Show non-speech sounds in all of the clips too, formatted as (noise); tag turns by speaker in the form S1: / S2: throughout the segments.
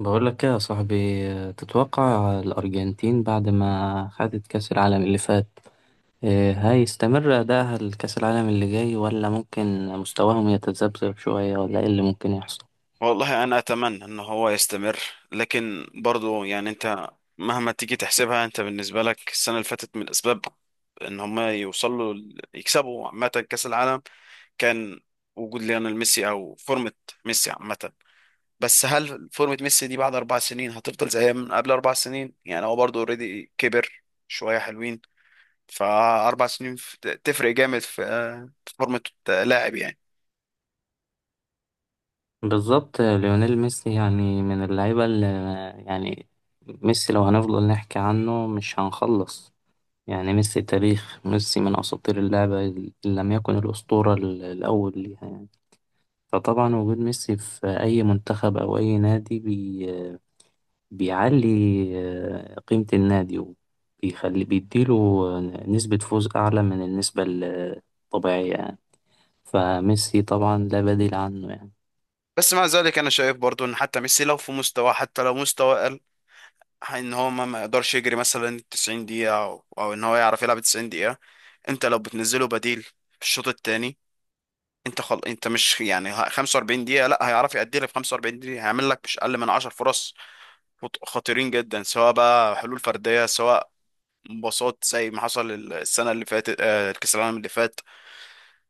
S1: بقول لك ايه يا صاحبي، تتوقع الأرجنتين بعد ما خدت كأس العالم اللي فات هيستمر أداءها لكأس العالم اللي جاي، ولا ممكن مستواهم يتذبذب شوية، ولا ايه اللي ممكن يحصل؟
S2: والله انا اتمنى ان هو يستمر. لكن برضو يعني انت مهما تيجي تحسبها انت بالنسبه لك السنه اللي فاتت من الاسباب ان هما يوصلوا يكسبوا عامه كاس العالم، كان وجود ليونيل ميسي او فورمه ميسي عامه. بس هل فورمه ميسي دي بعد اربع سنين هتفضل زي من قبل اربع سنين؟ يعني هو برضو اوريدي كبر شويه حلوين. فاربع سنين تفرق جامد في في فورمه لاعب يعني.
S1: بالظبط. ليونيل ميسي يعني من اللعيبة اللي يعني ميسي، لو هنفضل نحكي عنه مش هنخلص. يعني ميسي، تاريخ ميسي، من أساطير اللعبة، إن لم يكن الأسطورة الأول ليها يعني. فطبعا وجود ميسي في أي منتخب أو أي نادي بيعلي قيمة النادي، وبيخلي بيديله نسبة فوز أعلى من النسبة الطبيعية يعني. فميسي طبعا لا بديل عنه يعني.
S2: بس مع ذلك انا شايف برضو ان حتى ميسي لو في مستوى، حتى لو مستوى اقل، ان هو ما يقدرش يجري مثلا 90 دقيقة أو ان هو يعرف يلعب 90 دقيقة. انت لو بتنزله بديل في الشوط الثاني، انت انت مش يعني 45 دقيقة، لا هيعرف يأدي لك في 45 دقيقة هيعمل لك مش اقل من 10 فرص خطيرين جدا، سواء بقى حلول فردية سواء مباصات زي ما حصل السنة اللي فاتت كأس العالم اللي فات.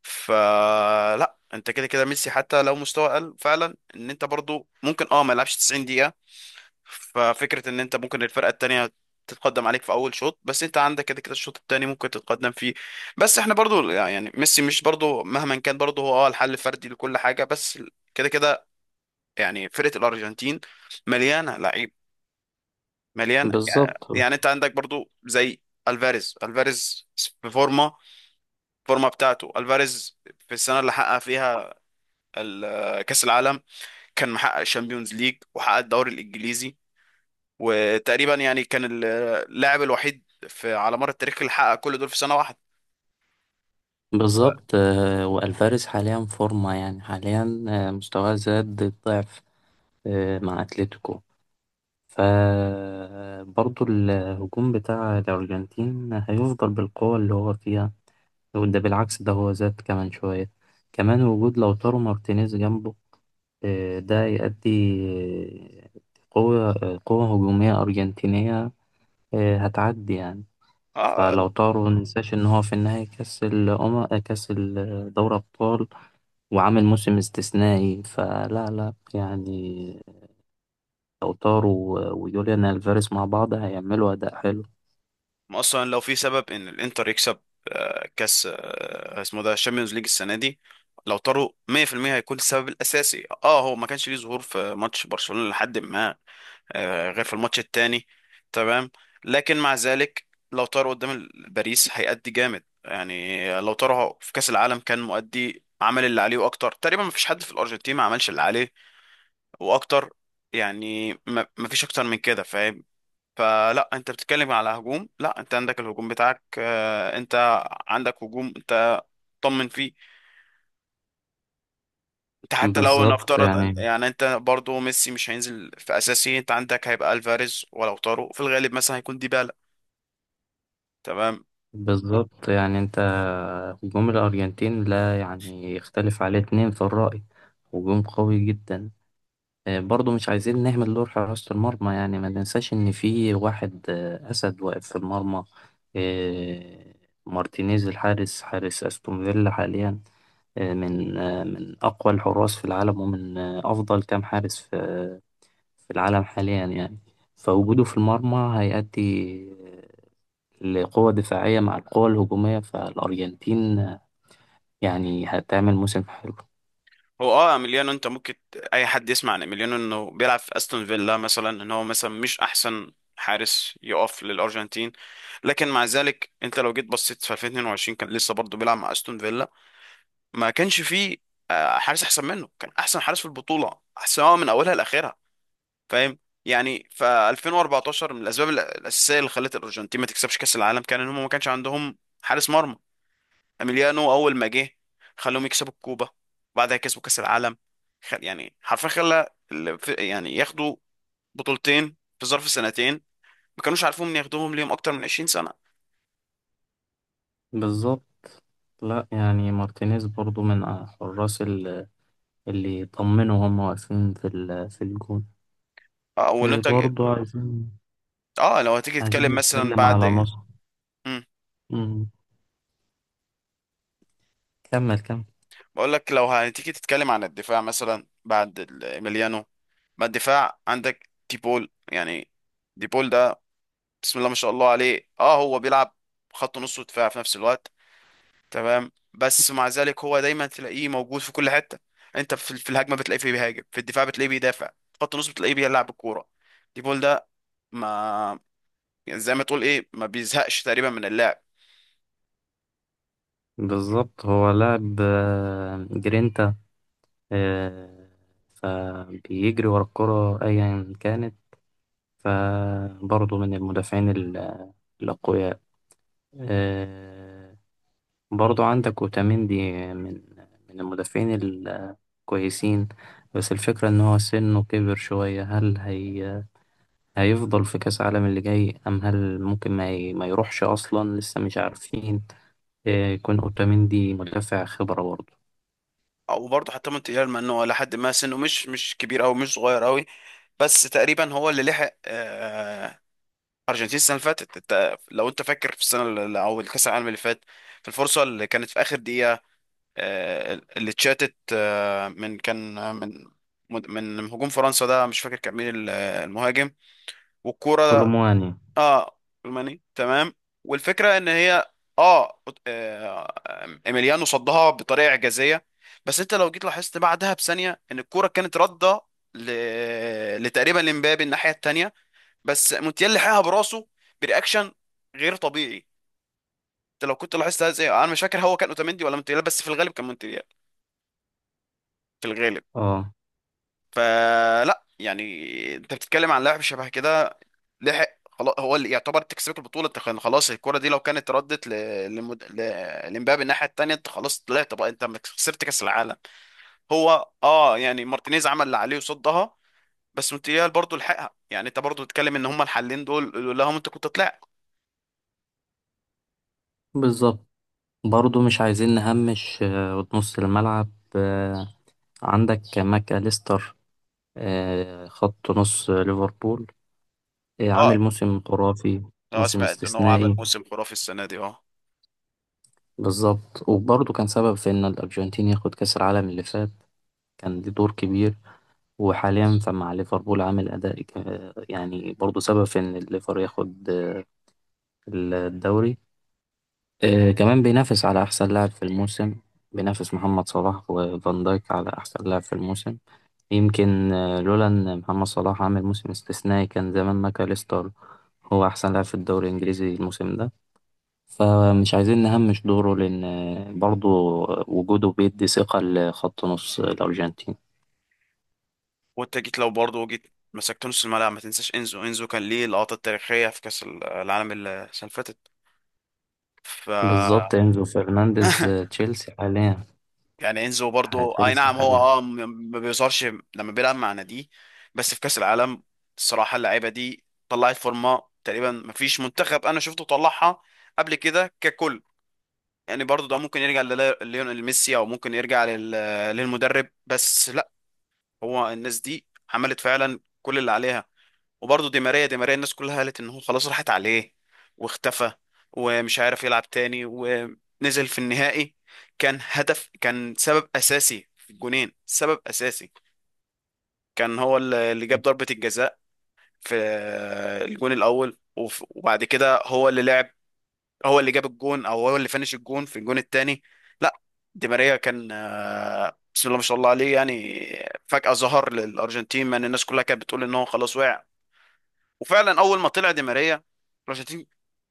S2: فلا انت كده كده ميسي حتى لو مستوى قل فعلا ان انت برضو ممكن اه ما يلعبش 90 دقيقة. ففكرة ان انت ممكن الفرقة التانية تتقدم عليك في اول شوط، بس انت عندك كده كده الشوط التاني ممكن تتقدم فيه. بس احنا برضو يعني ميسي مش برضو مهما كان برضو هو اه الحل الفردي لكل حاجة. بس كده كده يعني فرقة الارجنتين مليانة لعيب، مليانة.
S1: بالظبط
S2: يعني انت عندك برضو زي الفاريز في فورمة. الفورمة بتاعته الفاريز في السنة اللي حقق فيها كأس العالم، كان محقق الشامبيونز ليج وحقق الدوري الإنجليزي، وتقريبا يعني كان اللاعب الوحيد في على مر التاريخ اللي حقق كل دول في سنة واحدة.
S1: بالظبط. والفاريز حاليا فورمة، يعني حاليا مستواه زاد الضعف مع أتلتيكو. فبرضه الهجوم بتاع الأرجنتين هيفضل بالقوة اللي هو فيها، وده بالعكس ده هو زاد كمان شوية. كمان وجود لوتارو مارتينيز جنبه ده يؤدي آه، قوة قوة هجومية أرجنتينية هتعدي يعني.
S2: اه،
S1: فلو
S2: لا.
S1: طاروا مننساش إن هو في النهاية كأس الأمم، كأس دوري أبطال، وعامل موسم استثنائي، فلا لا يعني. لو طاروا ويوليان ألفاريز مع بعض هيعملوا أداء حلو.
S2: اصلا لو في سبب ان الانتر يكسب كاس، اسمه ده الشامبيونز ليج السنة دي، لو طاروا 100% هيكون السبب الأساسي. اه هو ما كانش ليه ظهور في ماتش برشلونة لحد ما غير في الماتش التاني، تمام. لكن مع ذلك لو طار قدام باريس هيأدي جامد. يعني لو طار في كأس العالم كان مؤدي، عمل اللي عليه واكتر. تقريبا مفيش حد في الارجنتين ما عملش اللي عليه واكتر. يعني مفيش اكتر من كده فاهم؟ فلا انت بتتكلم على هجوم، لا انت عندك الهجوم بتاعك. انت عندك هجوم انت طمن فيه. انت حتى لو
S1: بالظبط
S2: نفترض
S1: يعني
S2: يعني انت برضو ميسي مش هينزل في اساسي، انت عندك هيبقى الفاريز، ولو طاروا في الغالب مثلا هيكون ديبالا، تمام.
S1: بالظبط يعني أنت هجوم الأرجنتين لا يعني يختلف عليه اتنين في الرأي. هجوم قوي جدا. برضو مش عايزين نهمل دور حراسة المرمى، يعني ما ننساش إن في واحد أسد واقف في المرمى. آه، مارتينيز الحارس، حارس أستون فيلا حاليا، من أقوى الحراس في العالم، ومن أفضل كام حارس في في العالم حاليا يعني. فوجوده في المرمى هيؤدي لقوة دفاعية مع القوة الهجومية. فالأرجنتين يعني هتعمل موسم حلو.
S2: هو اه اميليانو انت ممكن اي حد يسمع عن اميليانو انه بيلعب في استون فيلا مثلا، ان هو مثلا مش احسن حارس يقف للارجنتين. لكن مع ذلك انت لو جيت بصيت في 2022 كان لسه برضه بيلعب مع استون فيلا. ما كانش فيه حارس احسن منه، كان احسن حارس في البطوله سواء من اولها لاخرها، فاهم؟ يعني ف 2014 من الاسباب الاساسيه اللي خلت الارجنتين ما تكسبش كاس العالم كان ان هم ما كانش عندهم حارس مرمى. اميليانو اول ما جه خلوهم يكسبوا الكوبا وبعدها كسبوا كاس العالم. يعني حرفيا خلى يعني ياخدوا بطولتين في ظرف سنتين ما كانوش عارفين ياخدوهم ليهم اكتر من 20 سنه.
S1: بالظبط. لا يعني مارتينيز برضو من حراس اللي يطمنوا هم واقفين في في الجون.
S2: اه
S1: إيه
S2: وننتج.
S1: برضو عايزين
S2: اه لو هتيجي
S1: عايزين
S2: تتكلم مثلا
S1: نتكلم
S2: بعد،
S1: على نصر.
S2: امم.
S1: مم. كمل.
S2: بقول لك لو هتيجي تتكلم عن الدفاع مثلا بعد اميليانو، ما الدفاع عندك ديبول يعني. ديبول ده بسم الله ما شاء الله عليه. اه هو بيلعب خط نص ودفاع في نفس الوقت تمام، بس مع ذلك هو دايما تلاقيه موجود في كل حته. انت في الهجمه بتلاقيه في بيهاجم، في الدفاع بتلاقيه بيدافع، في خط النص بتلاقيه بيلعب الكوره. دي بول ده ما يعني زي ما تقول ايه ما بيزهقش تقريبا من اللعب.
S1: بالظبط، هو لاعب جرينتا، آه، فبيجري ورا الكرة أيا كانت. فبرضه من المدافعين الأقوياء. آه، برضه عندك أوتاميندي، من من المدافعين الكويسين، بس الفكرة إن هو سنه كبر شوية. هل هي هيفضل في كأس العالم اللي جاي؟ أم هل ممكن ما يروحش أصلا؟ لسه مش عارفين. يكون أوتاميندي مدافع خبرة برضه.
S2: او برضه حتى مونتيال مع انه لحد ما سنه مش كبير او مش صغير قوي، بس تقريبا هو اللي لحق ارجنتين السنه اللي فاتت. انت لو انت فاكر في او الكاس العالم اللي فات، في الفرصه اللي كانت في اخر دقيقه اللي اتشاتت آه، من كان آه، من من من هجوم فرنسا، ده مش فاكر كان مين المهاجم والكوره.
S1: كولومواني.
S2: اه، الماني تمام. والفكره ان هي اه آه، ايميليانو صدها بطريقه اعجازيه. بس انت لو جيت لاحظت بعدها بثانيه ان الكوره كانت رده ل... لتقريبا لمبابي الناحيه الثانيه. بس موتيال لحقها براسه برياكشن غير طبيعي. انت لو كنت لاحظت هذا، انا مش فاكر هو كان اوتاميندي ولا مونتيال، بس في الغالب كان مونتيال، في الغالب.
S1: اه،
S2: فلا يعني انت بتتكلم عن لاعب شبه كده لحق. خلاص هو اللي يعتبر تكسبك البطوله انت. كان خلاص الكره دي لو كانت ردت لمبابي الناحيه التانيه انت خلاص طلعت، بقى انت خسرت كاس العالم. هو اه يعني مارتينيز عمل اللي عليه وصدها، بس مونتيال برضه لحقها. يعني انت برضه بتتكلم ان هما الحلين دول لولاهم انت كنت طلعت.
S1: بالظبط. برضه مش عايزين نهمش نص الملعب. آه، عندك ماك أليستر، خط نص ليفربول،
S2: اه.
S1: عامل موسم خرافي.
S2: اه
S1: موسم
S2: سمعت ان هو عمل
S1: استثنائي
S2: موسم خرافي السنه دي اه.
S1: بالظبط، وبرضه كان سبب في إن الأرجنتين ياخد كأس العالم اللي فات، كان ليه دور كبير. وحاليا فمع ليفربول عامل أداء يعني برضه سبب في إن الليفر ياخد الدوري. كمان بينافس على أحسن لاعب في الموسم، بينافس محمد صلاح وفان دايك على أحسن لاعب في الموسم. يمكن لولا إن محمد صلاح عامل موسم استثنائي، كان زمان ماكاليستر هو أحسن لاعب في الدوري الإنجليزي الموسم ده. فمش عايزين نهمش دوره، لأن برضه وجوده بيدي ثقة لخط نص الأرجنتين.
S2: وانت جيت، لو برضه جيت مسكت نص الملعب، ما تنساش انزو. انزو كان ليه اللقطه التاريخيه في كاس العالم السنه اللي فاتت. ف
S1: بالظبط، انزو فرنانديز
S2: (laughs)
S1: تشيلسي حاليا.
S2: يعني انزو برضو اي نعم
S1: هتمسح
S2: هو
S1: عليها.
S2: اه ما بيظهرش لما بيلعب مع ناديه. بس في كاس العالم الصراحه اللعيبه دي طلعت فورمه تقريبا ما فيش منتخب انا شفته طلعها قبل كده ككل. يعني برضو ده ممكن يرجع لليونيل ميسي او ممكن يرجع للمدرب، بس لا هو الناس دي عملت فعلا كل اللي عليها. وبرضه دي ماريا، دي ماريا الناس كلها قالت ان هو خلاص راحت عليه واختفى ومش عارف يلعب تاني، ونزل في النهائي كان هدف، كان سبب اساسي في الجونين، سبب اساسي. كان هو اللي جاب ضربة الجزاء في الجون الاول، وبعد كده هو اللي لعب، هو اللي جاب الجون او هو اللي فنش الجون في الجون التاني. لا، دي ماريا كان بسم الله ما شاء الله عليه يعني. فجأة ظهر للأرجنتين مع إن الناس كلها كانت بتقول إن هو خلاص وقع. وفعلا اول ما طلع دي ماريا الارجنتين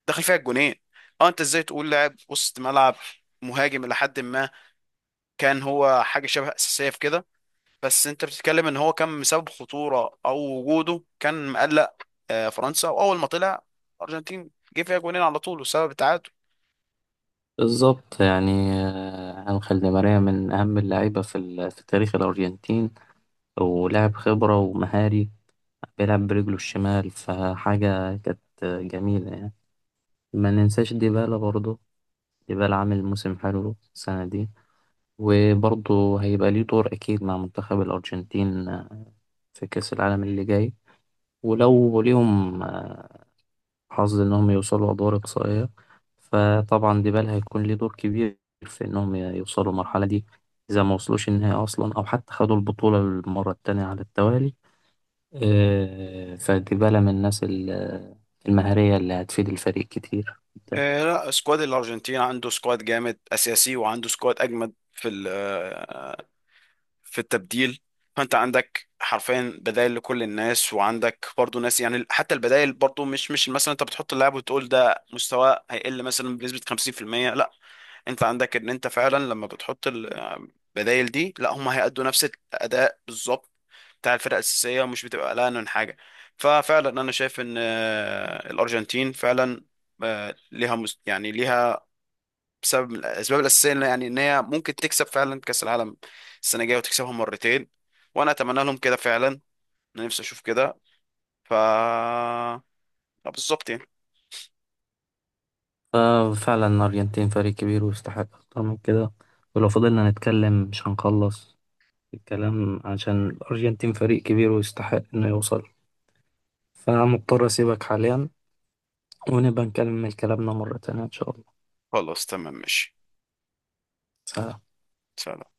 S2: دخل فيها الجونين. اه انت ازاي تقول لاعب وسط ملعب مهاجم الى حد ما، كان هو حاجه شبه اساسيه في كده. بس انت بتتكلم ان هو كان مسبب خطوره، او وجوده كان مقلق فرنسا. واول ما طلع الارجنتين جه فيها جونين على طول وسبب التعادل.
S1: بالظبط يعني أنخيل دي ماريا من أهم اللعيبة في تاريخ الأرجنتين، ولاعب خبرة ومهاري، بيلعب برجله الشمال، فحاجة كانت جميلة يعني. ما ننساش ديبالا برضه، ديبالا عامل موسم حلو السنة دي، وبرضه هيبقى ليه دور أكيد مع منتخب الأرجنتين في كأس العالم اللي جاي. ولو ليهم حظ إنهم يوصلوا أدوار إقصائية، فطبعا ديبال هيكون ليه دور كبير في إنهم يوصلوا المرحلة دي، إذا ما وصلوش النهائي أصلا، أو حتى خدوا البطولة المرة التانية على التوالي. فديبالا من الناس المهارية اللي هتفيد الفريق كتير جدا.
S2: آه لا. سكواد الارجنتين عنده سكواد جامد اساسي وعنده سكواد اجمد في في التبديل. فانت عندك حرفيا بدائل لكل الناس، وعندك برضو ناس يعني حتى البدائل برضو مش مثلا، انت بتحط اللاعب وتقول ده مستواه هيقل مثلا بنسبة 50%. لا، انت عندك ان انت فعلا لما بتحط البدائل دي لا هم هيأدوا نفس الأداء بالظبط بتاع الفرقة الأساسية، ومش بتبقى قلقان من حاجة. ففعلا انا شايف ان الأرجنتين فعلا ليها يعني ليها بسبب الاسباب الاساسيه يعني ان هي ممكن تكسب فعلا كاس العالم السنه الجايه وتكسبها مرتين. وانا اتمنى لهم كده فعلا، انا نفسي اشوف كده. ف بالظبط يعني.
S1: ففعلا الأرجنتين فريق كبير ويستحق أكتر من كده، ولو فضلنا نتكلم مش هنخلص الكلام، عشان الأرجنتين فريق كبير ويستحق إنه يوصل. فمضطر أسيبك حاليا، ونبقى نكمل كلامنا مرة تانية إن شاء الله.
S2: خلاص تمام ماشي.
S1: سلام.
S2: سلام.